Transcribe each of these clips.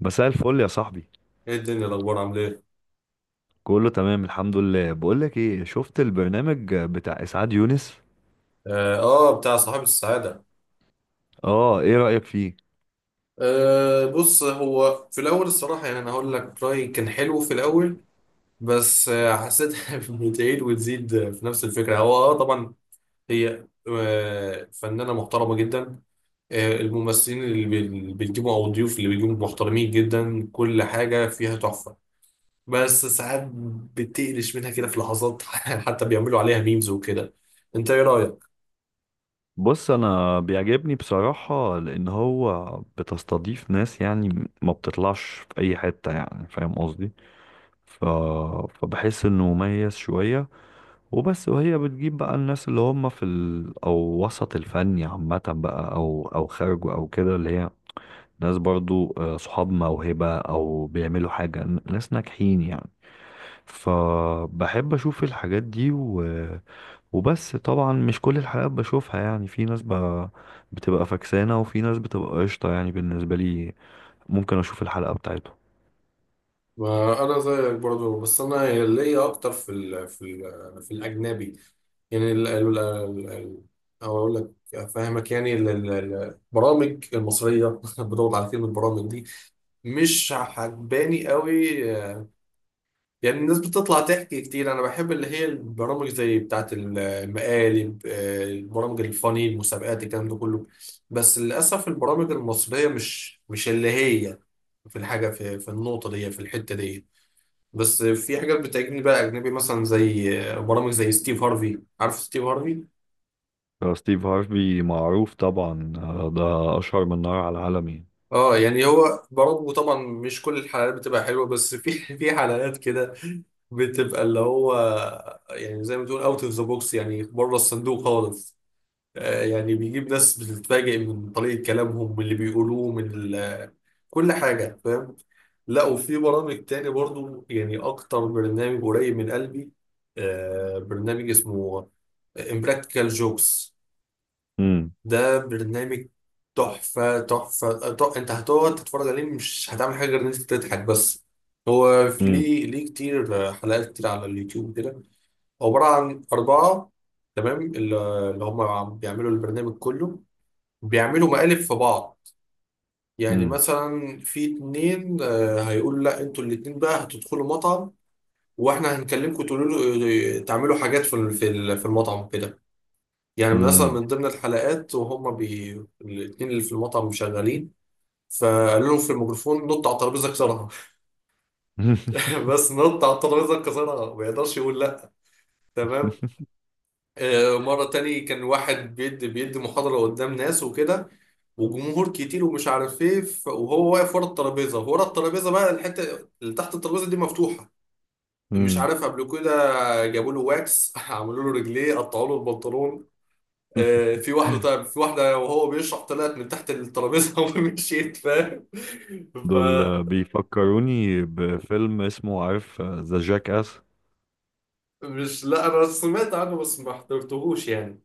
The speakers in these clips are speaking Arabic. مساء الفل يا صاحبي. ايه الدنيا، الاخبار، عامل ايه؟ كله تمام الحمد لله. بقولك ايه، شفت البرنامج بتاع اسعاد يونس؟ اه، بتاع صاحب السعاده. اه، ايه رأيك فيه؟ بص، هو في الاول الصراحه يعني انا هقول لك رايي، كان حلو في الاول. بس حسيتها بتعيد وتزيد في نفس الفكره، هو طبعا. هي فنانه محترمه جدا. الممثلين اللي بيجيبوا او الضيوف اللي بيجيبوا محترمين جدا، كل حاجه فيها تحفه. بس ساعات بتقلش منها كده في لحظات حتى بيعملوا عليها ميمز وكده. انت ايه رايك؟ بص انا بيعجبني بصراحة، لان هو بتستضيف ناس يعني ما بتطلعش في اي حتة، يعني فاهم قصدي؟ ف... فبحس انه مميز شوية وبس. وهي بتجيب بقى الناس اللي هم في او وسط الفني عامة بقى، او او خارجه او كده، اللي هي ناس برضو آه، صحاب موهبة او بيعملوا حاجة، ناس ناجحين يعني. فبحب اشوف الحاجات دي. وبس، طبعا مش كل الحلقات بشوفها، يعني في ناس بتبقى فكسانة وفي ناس بتبقى قشطة، يعني بالنسبة لي ممكن اشوف الحلقة بتاعته. ما انا زيك برضو، بس انا ليا اكتر في الاجنبي. يعني ال- او اقول لك افهمك يعني البرامج المصريه. بدور على كلمه البرامج دي، مش عجباني قوي. يعني الناس بتطلع تحكي كتير، انا بحب اللي هي البرامج زي بتاعه المقالب، البرامج الفاني، المسابقات، الكلام ده كله. بس للاسف البرامج المصريه مش اللي هي، في الحاجه، في النقطه دي، في الحته دي. بس في حاجات بتعجبني بقى أجنبي، مثلا زي برامج زي ستيف هارفي. عارف ستيف هارفي؟ آه، ستيف هارفي معروف طبعا، آه، ده اشهر من نار على العالم يعني. اه، يعني هو برضه طبعا مش كل الحلقات بتبقى حلوة، بس في في حلقات كده بتبقى اللي هو، يعني زي ما تقول اوت اوف ذا بوكس، يعني بره الصندوق خالص. يعني بيجيب ناس بتتفاجئ من طريقة كلامهم، من اللي بيقولوه، كل حاجة، فاهم. لا، وفي برامج تاني برضو، يعني أكتر برنامج قريب من قلبي برنامج اسمه امبراكتيكال جوكس. مم، ده برنامج تحفة تحفة، انت هتقعد تتفرج عليه، مش هتعمل حاجة غير ان انت تضحك بس. هو في مم، ليه كتير، حلقات كتير على اليوتيوب كده. عبارة عن أربعة، تمام. اللي هم بيعملوا البرنامج كله، بيعملوا مقالب في بعض. يعني مم، مثلا في اتنين، هيقولوا لا انتوا الاتنين بقى هتدخلوا مطعم، واحنا هنكلمكم تقولوا له تعملوا حاجات في المطعم كده. يعني من اصلا، مم. من ضمن الحلقات، وهم بي الاتنين اللي في المطعم شغالين، فقالوا له في الميكروفون: نط على الترابيزه، كسرها. بس نط على الترابيزه كسرها، ما يقدرش يقول لا. تمام. مره تاني كان واحد بيدي محاضره قدام ناس وكده، وجمهور كتير ومش عارف ايه، وهو واقف ورا الترابيزه بقى، الحته اللي تحت الترابيزه دي مفتوحه، مش مم. عارف قبل كده. جابوا له واكس عملوا له رجليه، قطعوا له البنطلون. في واحدة، طيب في واحدة وهو بيشرح طلعت من تحت الترابيزة ومشيت، فاهم. دول آه، بيفكروني بفيلم اسمه، عارف ذا جاك اس؟ فمش، لا أنا سمعت عنه بس ما احترتهوش يعني.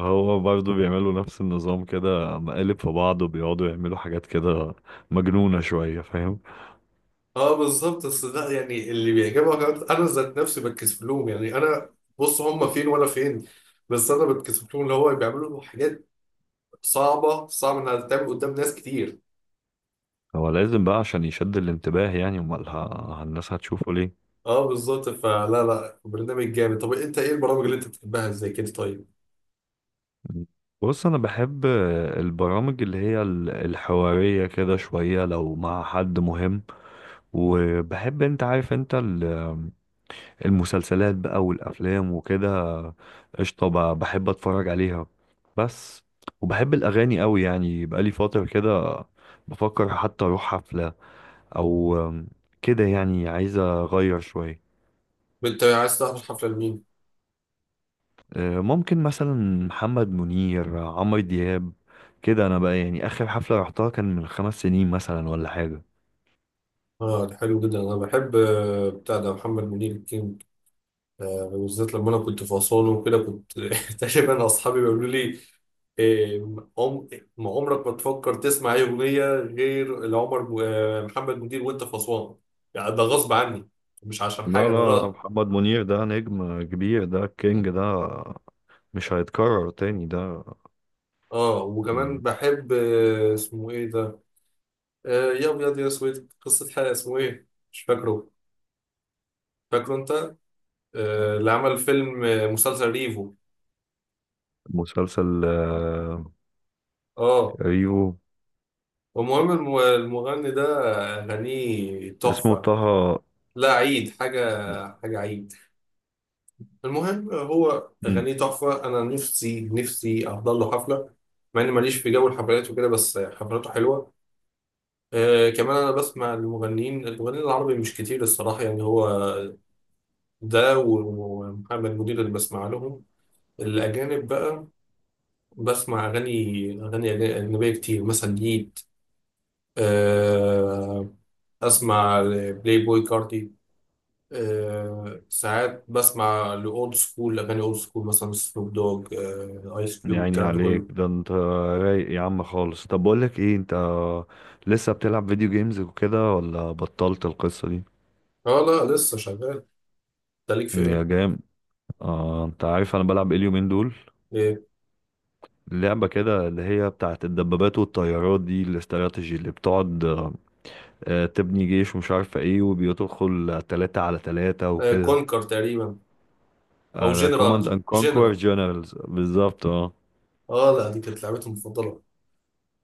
هو برضه بيعملوا نفس النظام كده، مقالب في بعض وبيقعدوا يعملوا حاجات كده مجنونة شوية، فاهم؟ اه بالظبط، بس لا يعني اللي بيعجبها كمان أنا ذات نفسي بتكسف لهم، يعني أنا، بص هم فين وأنا فين. بس أنا بتكسف لهم اللي هو بيعملوا حاجات صعبة، صعب إنها تتعمل قدام ناس كتير. هو لازم بقى عشان يشد الانتباه، يعني امال الناس هتشوفه ليه؟ اه بالظبط، فلا لا، برنامج جامد. طب أنت إيه البرامج اللي أنت بتحبها زي كده طيب؟ بص انا بحب البرامج اللي هي الحوارية كده شوية لو مع حد مهم. وبحب انت عارف انت، المسلسلات بقى والافلام وكده قشطه، بحب اتفرج عليها بس. وبحب الاغاني قوي، يعني بقالي فتره كده بفكر حتى اروح حفله او كده، يعني عايز اغير شويه. أنت عايز تحضر حفلة لمين؟ آه، ممكن مثلا محمد منير، عمرو دياب كده. انا بقى يعني اخر حفله رحتها كان من 5 سنين مثلا ولا حاجه. اه ده حلو جدا، انا بحب بتاع ده محمد منير الكينج. بالذات لما انا كنت في اسوان وكده، كنت تقريبا اصحابي بيقولوا لي: إيه، عم- ما عمرك ما تفكر تسمع اي اغنيه غير لعمر محمد منير وانت في اسوان. يعني ده غصب عني، مش عشان لا حاجه، ده لا، غلط. محمد منير ده نجم كبير، ده كينج ده، مش هيتكرر تاني ده. اه وكمان بحب اسمه ايه ده، يا ابيض يا اسود، قصه حياه، اسمه ايه مش فاكره. فاكره انت، اللي عمل فيلم، مسلسل ريفو. مسلسل آه، اه، ريفو. المهم المغني ده أغانيه اسمه طه. تحفة. لا، عيد حاجة، حاجة عيد. المهم هو مم، أغانيه تحفة، أنا نفسي نفسي أحضر له حفلة، مع إني ماليش في جو الحفلات وكده، بس حفلاته حلوة. كمان أنا بسمع المغنيين العربي مش كتير الصراحة، يعني هو ده ومحمد منير اللي بسمع لهم. الأجانب بقى، بسمع أغاني أجنبية كتير، مثلا ليد، آه أسمع بلاي بوي كارتي. ساعات بسمع لأولد سكول، أغاني أولد سكول، مثلا سنوب دوج، آيس كيوب، يعني الكلام ده عليك كله. ده، انت رايق يا عم خالص. طب بقول لك ايه، انت لسه بتلعب فيديو جيمز وكده ولا بطلت القصة دي؟ اه لا، لسه شغال. ده ليك في مم، يا ايه؟ جام. آه، انت عارف انا بلعب ايه اليومين دول؟ ايه؟ لعبة كده اللي هي بتاعت الدبابات والطيارات دي، الاستراتيجي اللي بتقعد آه، آه، تبني جيش ومش عارفة ايه، وبيدخل 3 على 3 وكده. كونكر تقريبا. أو آه كوماند جنرال اند كونكور جنرال. جنرالز بالظبط، اه. اه لا، دي كانت لعبتي المفضلة.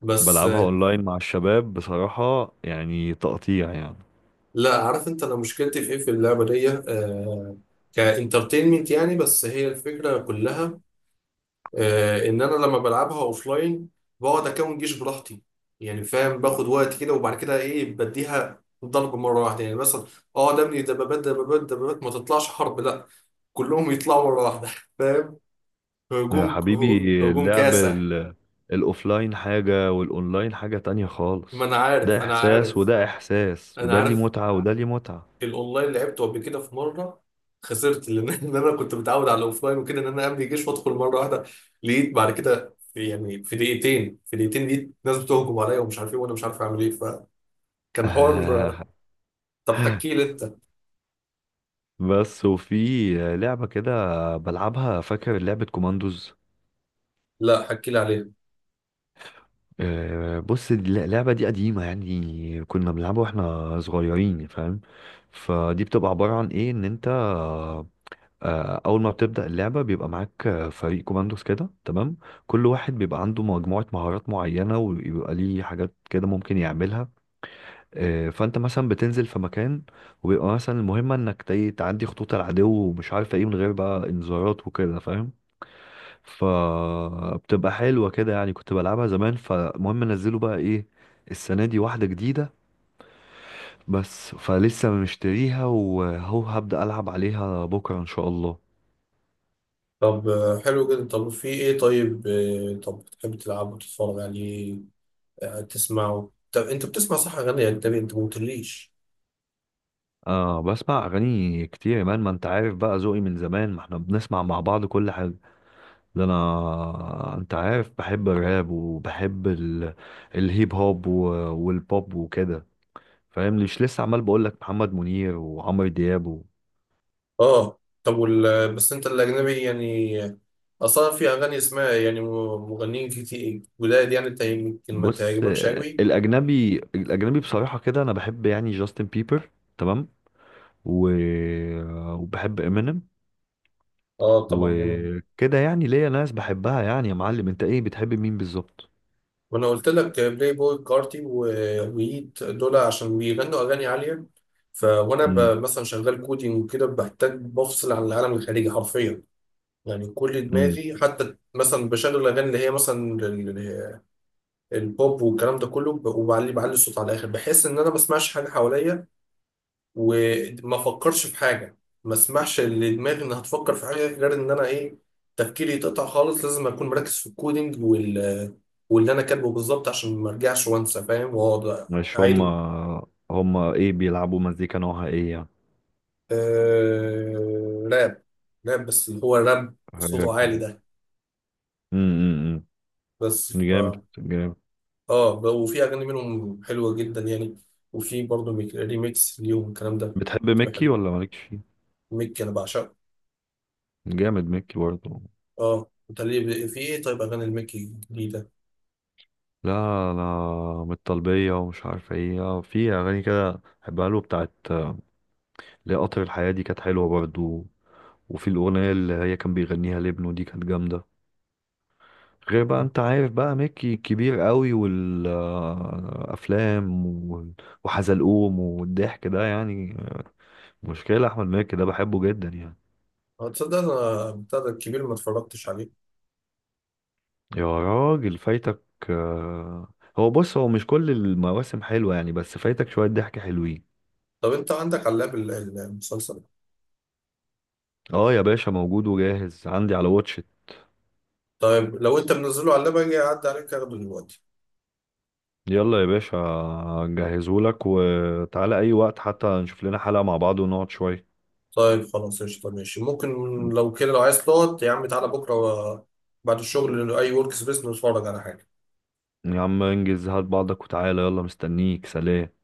بس بلعبها اونلاين مع الشباب، بصراحة يعني تقطيع يعني. لا، عارف انت انا مشكلتي في ايه في اللعبة دي؟ كانترتينمنت يعني، بس هي الفكرة كلها. ان انا لما بلعبها اوفلاين بقعد اكون جيش براحتي، يعني فاهم، باخد وقت كده وبعد كده ايه، بديها ضرب مره واحده، يعني مثلا اقعد ابني دبابات دبابات دبابات، ما تطلعش حرب لا، كلهم يطلعوا مره واحده فاهم. يا هجوم، حبيبي، هجوم اللعب كاسح. الاوفلاين حاجة والاونلاين حاجة تانية ما خالص. انا ده عارف، انا احساس عارف، وده احساس، انا وده ليه عارف. متعة وده ليه متعة. الاونلاين لعبته قبل كده في مره، خسرت لان إن انا كنت متعود على الاوفلاين وكده، ان انا املي جيش وادخل مره واحده، لقيت بعد كده في، يعني في دقيقتين لقيت ناس بتهجم عليا ومش عارف ايه، وانا مش عارف اعمل ايه، فكان حوار. طب حكي لي انت. بس. وفي لعبة كده بلعبها، فاكر لعبة كوماندوز؟ لا، حكي لي عليه. آه، بص اللعبة دي قديمة، يعني كنا بنلعبها واحنا صغيرين، فاهم؟ فدي بتبقى عبارة عن ايه، ان انت آه، اول ما بتبدا اللعبه بيبقى معاك آه، فريق كوماندوز كده، تمام؟ كل واحد بيبقى عنده مجموعه مهارات معينه وبيبقى ليه حاجات كده ممكن يعملها. آه، فانت مثلا بتنزل في مكان وبيبقى مثلا المهمه انك تعدي خطوط العدو ومش عارف ايه، من غير بقى انذارات وكده، فاهم؟ فبتبقى حلوه كده، يعني كنت بلعبها زمان. فالمهم نزلوا بقى ايه، السنه دي واحده جديده بس، فلسه مشتريها وهو هبدا العب عليها بكره ان شاء الله. طب حلو جدا. طب في ايه طيب، طب بتحب تلعب وتتفرج عليه، تسمعه. طب انت بتسمع صح اغاني اجنبي، انت ما قلتليش. اه بسمع اغاني كتير يا مان، ما انت عارف بقى ذوقي من زمان، ما احنا بنسمع مع بعض كل حاجه. ده انا انت عارف بحب الراب وبحب الهيب هوب والبوب وكده، فاهم؟ مش لسه عمال بقول لك محمد منير وعمرو دياب. اه طب بس انت الاجنبي يعني، اصلا في اغاني اسمها يعني مغنيين كتير جداد، يعني انت يمكن ما بص تعجبكش آه، قوي. الاجنبي الاجنبي بصراحه كده انا بحب يعني جاستن بيبر، تمام؟ و... وبحب امينيم اه طبعا دايما. وكده، يعني ليا ناس بحبها يعني. يا معلم، انت ايه بتحب مين بالظبط؟ وانا قلت لك بلاي بوي كارتي ويت دول، عشان بيغنوا اغاني عاليه. وانا امم مثلا شغال كودينج وكده، بحتاج بفصل عن العالم الخارجي حرفيا. يعني كل امم. دماغي حتى مثلا بشغل الاغاني اللي هي مثلا البوب والكلام ده كله، وبعلي الصوت على الاخر، بحس ان انا ما بسمعش حاجه حواليا وما افكرش في حاجه، ما اسمحش لدماغي انها تفكر في حاجه غير ان انا ايه، تفكيري يتقطع خالص، لازم اكون مركز في الكودينج واللي انا كاتبه بالظبط، عشان ما ارجعش وانسى فاهم، واقعد مش هم. اعيد. هم ايه بيلعبوا مزيكا نوعها ايه يعني؟ راب، راب، بس اللي هو راب حاجة- صوته عالي ده. م- م- بس م. جامد جامد. اه وفي اغاني منهم حلوه جدا يعني، وفي برضه ريميكس ليهم الكلام ده، بتحب بتبقى ميكي حلو. ولا مالكش فيه؟ ميك انا بعشقه. جامد ميكي برضه. اه انت ليه في ايه طيب اغاني المكي الجديده؟ لا، انا من الطلبية ومش عارف ايه، في اغاني كده بحبها له بتاعت ليه قطر الحياة، دي كانت حلوة برضه. وفي الاغنية اللي هي كان بيغنيها لابنه، دي كانت جامدة. غير بقى انت عارف بقى ميكي كبير قوي، والافلام وحزلقوم والضحك ده يعني، مشكلة. أحمد مكي ده بحبه جدا يعني. اه تصدق، انا بتاع ده الكبير ما اتفرجتش عليه. يا راجل فايتك! آه، هو بص هو مش كل المواسم حلوة يعني، بس فايتك شوية ضحك حلوين. طب انت عندك علاب المسلسل؟ اه يا باشا، موجود وجاهز عندي على واتشت. طيب لو انت منزله على اللاب اجي اعدي عليك اخده دلوقتي. يلا يا باشا، جهزهولك وتعالى أي وقت، حتى نشوف لنا حلقة مع بعض ونقعد شوية. طيب خلاص، قشطة، ماشي، ممكن. لو كده، لو عايز تقعد يا عم تعالى بكرة، بعد الشغل أي ورك سبيس نتفرج على حاجة. يا عم انجز، هات بعضك وتعالى، يلا مستنيك، سلام.